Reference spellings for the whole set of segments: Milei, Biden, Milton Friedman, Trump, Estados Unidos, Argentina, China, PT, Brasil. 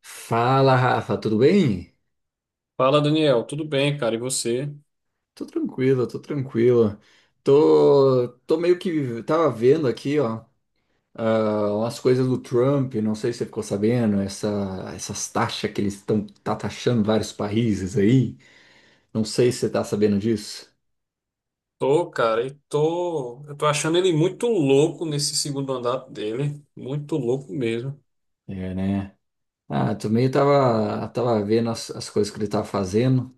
Fala, Rafa, tudo bem? Fala, Daniel, tudo bem, cara? E você? Tô tranquilo, tô tranquilo. Tô meio que tava vendo aqui, ó, umas coisas do Trump, não sei se você ficou sabendo, essas taxas que eles estão tá taxando vários países aí. Não sei se você tá sabendo disso. Tô, cara, e tô. Eu tô achando ele muito louco nesse segundo andar dele. Muito louco mesmo. É, né? Ah, também tava vendo as coisas que ele tava fazendo.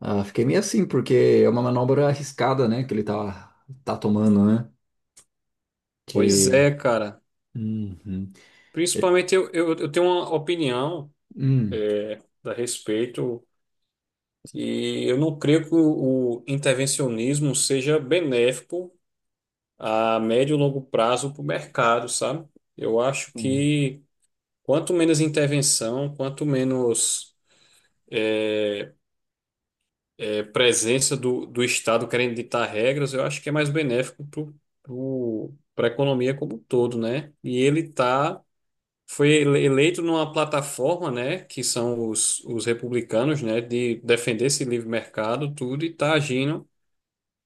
Ah, fiquei meio assim, porque é uma manobra arriscada, né, que tá tomando, né? Pois é, Que. cara. Uhum. É- Principalmente eu tenho uma opinião hum. é, a respeito e eu não creio que o intervencionismo seja benéfico a médio e longo prazo para o mercado, sabe? Eu acho que quanto menos intervenção, quanto menos é, presença do Estado querendo ditar regras, eu acho que é mais benéfico para a economia como um todo, né? Foi eleito numa plataforma, né, que são os republicanos, né, de defender esse livre mercado, tudo, e tá agindo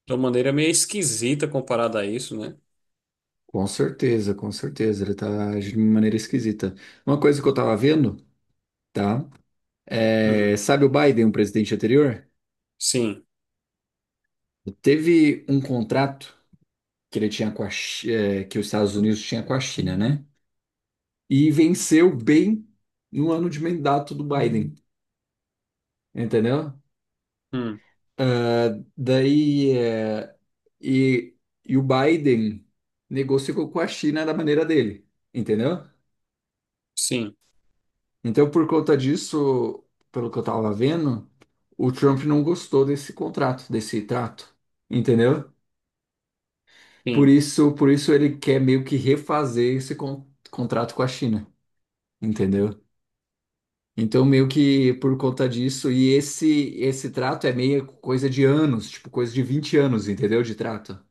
de uma maneira meio esquisita comparada a isso, né? Com certeza, com certeza. Ele tá agindo de uma maneira esquisita. Uma coisa que eu tava vendo, tá? É, Hum, sabe o Biden, o presidente anterior? sim, Teve um contrato que ele tinha com que os Estados Unidos tinha com a China, né? E venceu bem no ano de mandato do Biden, entendeu? hum, Daí, e, e o Biden negociou com a China da maneira dele, entendeu? sim, Então, por conta disso, pelo que eu tava vendo, o Trump não gostou desse contrato, desse trato, entendeu? Por sim, isso, por isso ele quer meio que refazer esse contrato com a China, entendeu? Então, meio que por conta disso, e esse trato é meio coisa de anos, tipo coisa de 20 anos, entendeu? De trato,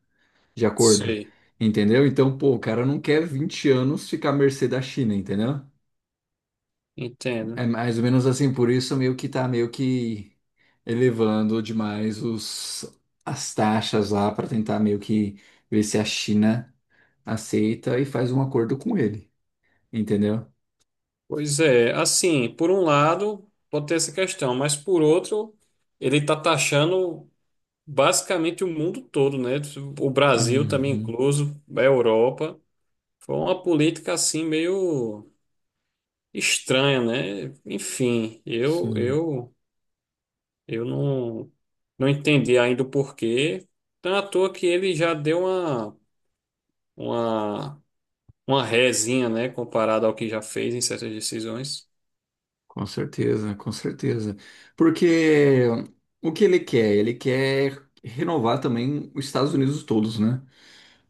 de acordo, sei, entendeu? Então, pô, o cara não quer 20 anos ficar à mercê da China, entendeu? entendo. É mais ou menos assim, por isso meio que tá meio que elevando demais as taxas lá para tentar meio que ver se a China aceita e faz um acordo com ele, entendeu? Pois é, assim, por um lado, pode ter essa questão, mas por outro, ele está taxando basicamente o mundo todo, né? O Brasil também Uhum, incluso, a Europa. Foi uma política assim meio estranha, né? Enfim, eu sim, eu eu não não entendi ainda o porquê. Então, à toa que ele já deu uma uma rezinha, né, comparado ao que já fez em certas decisões. com certeza, com certeza. Porque o que ele quer? Ele quer renovar também os Estados Unidos todos, né?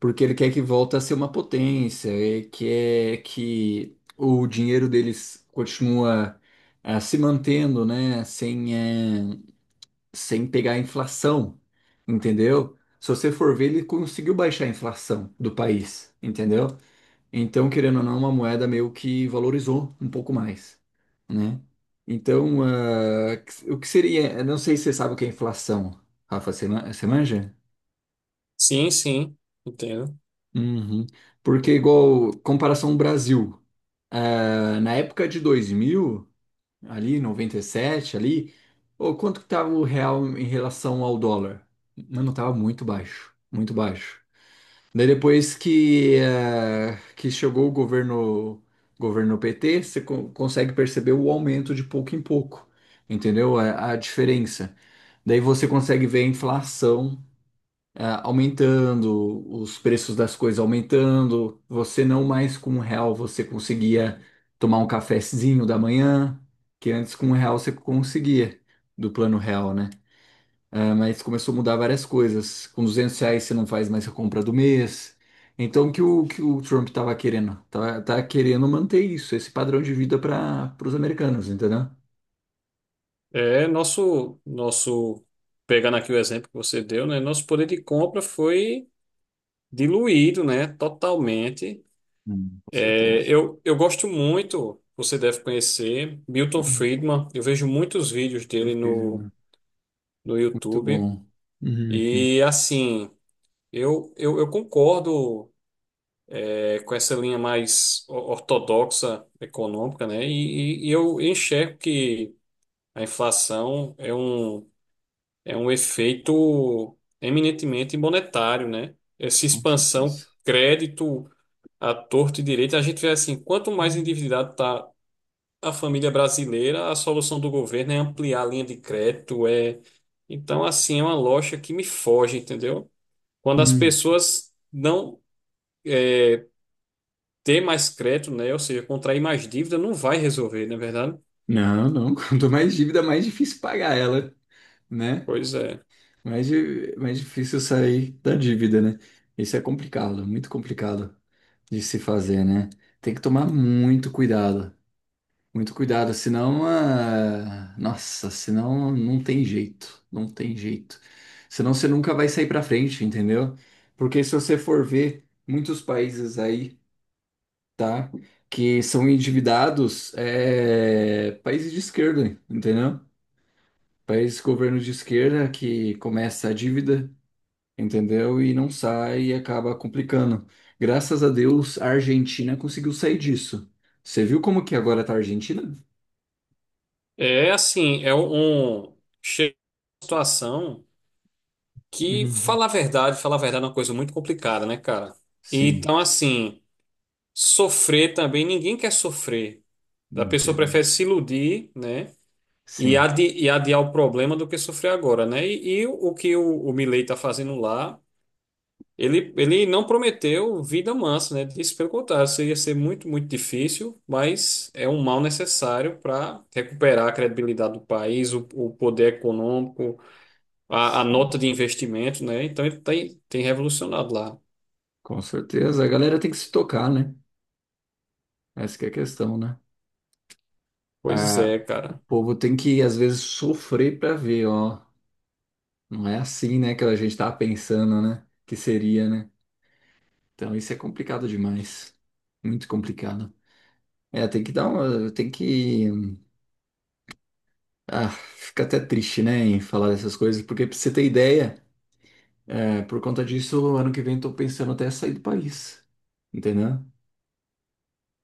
Porque ele quer que volta a ser uma potência, ele quer que o dinheiro deles continua se mantendo, né, sem pegar a inflação, entendeu? Se você for ver, ele conseguiu baixar a inflação do país, entendeu? Então, querendo ou não, é uma moeda meio que valorizou um pouco mais, né? Então, o que seria? Eu não sei se você sabe o que é inflação, Rafa, você você manja? Sim, sim, entendo. Uhum. Porque, igual, comparação Brasil, na época de 2000 ali, 97 ali, ô, quanto que tava o real em relação ao dólar? Mano, tava muito baixo, muito baixo. Daí depois que, que chegou o governo, governo PT, você consegue perceber o aumento de pouco em pouco, entendeu? A diferença. Daí você consegue ver a inflação aumentando, os preços das coisas aumentando, você não mais com um real você conseguia tomar um cafezinho da manhã, que antes com um real você conseguia, do plano real, né? Ah, mas começou a mudar várias coisas. Com R$ 200 você não faz mais a compra do mês. Então, que o Trump estava querendo? Tá querendo manter isso, esse padrão de vida para os americanos, entendeu? É, nosso nosso pegando aqui o exemplo que você deu, né? Nosso poder de compra foi diluído, né? Totalmente. Com É, certeza. eu gosto muito, você deve conhecer, Milton Uhum. Friedman. Eu vejo muitos vídeos dele Perfeito, irmão. no Muito YouTube. bom. Uhum. E, assim, eu concordo, é, com essa linha mais ortodoxa econômica, né? Eu enxergo que a inflação é é um efeito eminentemente monetário, né? Essa Com expansão. certeza. Crédito a torto e direito, a gente vê assim, quanto mais endividado está a família brasileira, a solução do governo é ampliar a linha de crédito, é... Então, assim, é uma lógica que me foge, entendeu? Quando as Hum. pessoas não têm mais crédito, né, ou seja, contrair mais dívida, não vai resolver, não é verdade? Não, não. Quanto mais dívida, mais difícil pagar ela, né? Pois é. Mais difícil sair da dívida, né? Isso é complicado, muito complicado de se fazer, né? Tem que tomar muito cuidado, senão, ah, nossa, senão não tem jeito, não tem jeito. Senão você nunca vai sair pra frente, entendeu? Porque se você for ver muitos países aí, tá? Que são endividados, é... países de esquerda, entendeu? Países governo de esquerda que começa a dívida, entendeu? E não sai e acaba complicando. Graças a Deus, a Argentina conseguiu sair disso. Você viu como que agora tá a Argentina? É assim, chega uma situação que, Uhum. Falar a verdade é uma coisa muito complicada, né, cara? Sim, Então, assim, sofrer também, ninguém quer sofrer. A não pessoa quero. prefere se iludir, né? E, Sim, adiar o problema do que sofrer agora, né? O que o Milei está fazendo lá, ele não prometeu vida mansa, né? Disse pelo contrário, isso ia ser muito, muito difícil, mas é um mal necessário para recuperar a credibilidade do país, o poder econômico, a sim, nota de investimento, né? Então ele tem revolucionado lá. com certeza. A galera tem que se tocar, né? Essa que é a questão, né? Pois A, é, o cara. povo tem que, às vezes, sofrer pra ver, ó. Não é assim, né, que a gente tava pensando, né? Que seria, né? Então isso é complicado demais. Muito complicado. É, tem que dar uma. Tem que. Ah, fica até triste, né, em falar dessas coisas, porque pra você ter ideia, é, por conta disso, ano que vem eu tô pensando até sair do país, entendeu?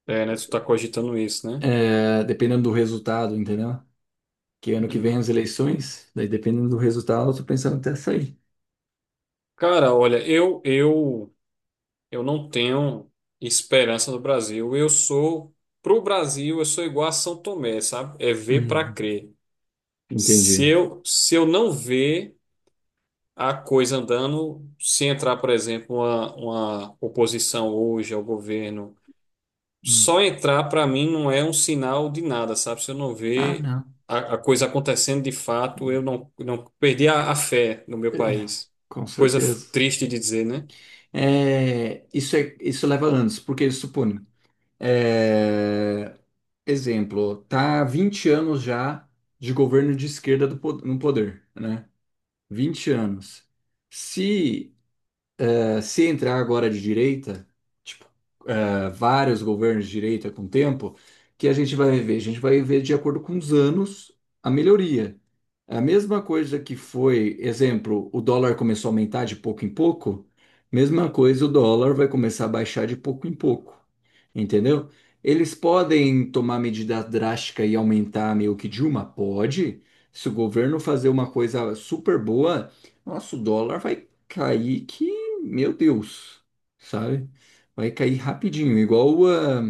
É, né? Tu tá cogitando isso, né? É, dependendo do resultado, entendeu? Que ano que vem Uhum. as eleições, daí dependendo do resultado, eu tô pensando até sair. Cara, olha, eu não tenho esperança no Brasil. Eu sou, pro Brasil, eu sou igual a São Tomé, sabe? É ver para Hum, crer. Se entendi. eu, se eu não ver a coisa andando, se entrar, por exemplo, uma oposição hoje ao governo, Hum. só entrar para mim não é um sinal de nada, sabe? Se eu não Ah, ver não. A coisa acontecendo de fato, eu não perdi a fé no meu país. Com Coisa certeza. triste de dizer, né? É, isso leva anos, porque suponho, exemplo, tá há 20 anos já de governo de esquerda no poder, né? 20 anos. Se, Se entrar agora de direita, tipo, eh, vários governos de direita com o tempo, que a gente vai ver? A gente vai ver de acordo com os anos a melhoria. A mesma coisa que foi, exemplo, o dólar começou a aumentar de pouco em pouco, mesma coisa o dólar vai começar a baixar de pouco em pouco, entendeu? Eles podem tomar medida drástica e aumentar meio que de uma? Pode. Se o governo fazer uma coisa super boa, nosso dólar vai cair que, meu Deus, sabe? Vai cair rapidinho, igual, ah,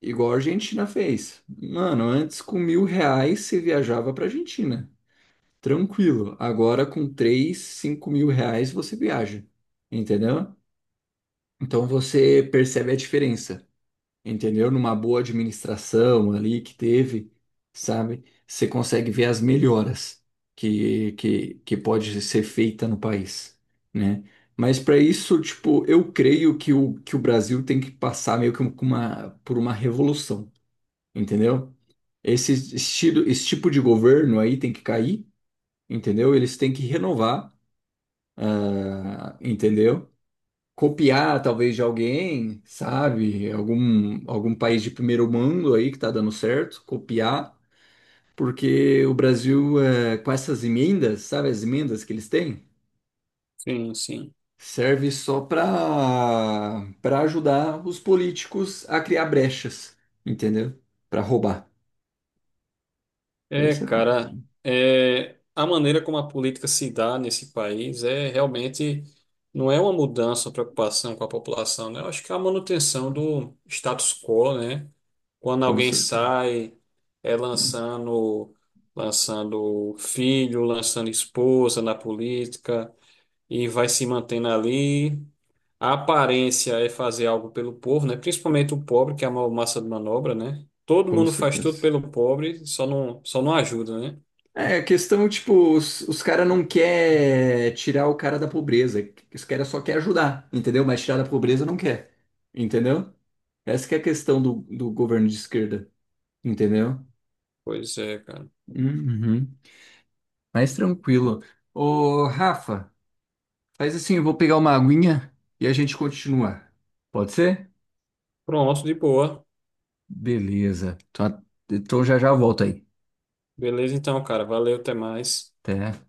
igual a Argentina fez. Mano, antes com R$ 1.000 você viajava pra Argentina. Tranquilo. Agora com R$ 3 a 5 mil você viaja, entendeu? Então você percebe a diferença, entendeu? Numa boa administração ali que teve, sabe? Você consegue ver as melhoras que pode ser feita no país, né? Mas para isso, tipo, eu creio que o Brasil tem que passar meio que por uma revolução, entendeu? Esse estilo, esse tipo de governo aí tem que cair, entendeu? Eles têm que renovar. Ah, entendeu? Copiar talvez de alguém, sabe? Algum país de primeiro mundo aí que tá dando certo, copiar, porque o Brasil, eh, com essas emendas, sabe as emendas que eles têm? Sim, sim. Serve só para ajudar os políticos a criar brechas, entendeu? Para roubar. É, Isso é cara, complicado. é, a maneira como a política se dá nesse país é realmente não é uma mudança, uma preocupação com a população, né? Eu acho que é a manutenção do status quo, né? Quando Com alguém certeza. sai, é lançando, lançando filho, lançando esposa na política e vai se mantendo ali. A aparência é fazer algo pelo povo, né? Principalmente o pobre, que é a maior massa de manobra, né? Todo Com mundo faz tudo certeza. pelo pobre, só não ajuda, né? É, a questão, tipo, os caras não quer tirar o cara da pobreza. Os caras só quer ajudar, entendeu? Mas tirar da pobreza não quer, entendeu? Essa que é a questão do governo de esquerda, entendeu? Pois é, cara. Uhum. Mais tranquilo. Ô, Rafa, faz assim, eu vou pegar uma aguinha e a gente continua. Pode ser? Pronto, de boa. Beleza. Então, então já já volto aí. Beleza então, cara. Valeu, até mais. Até.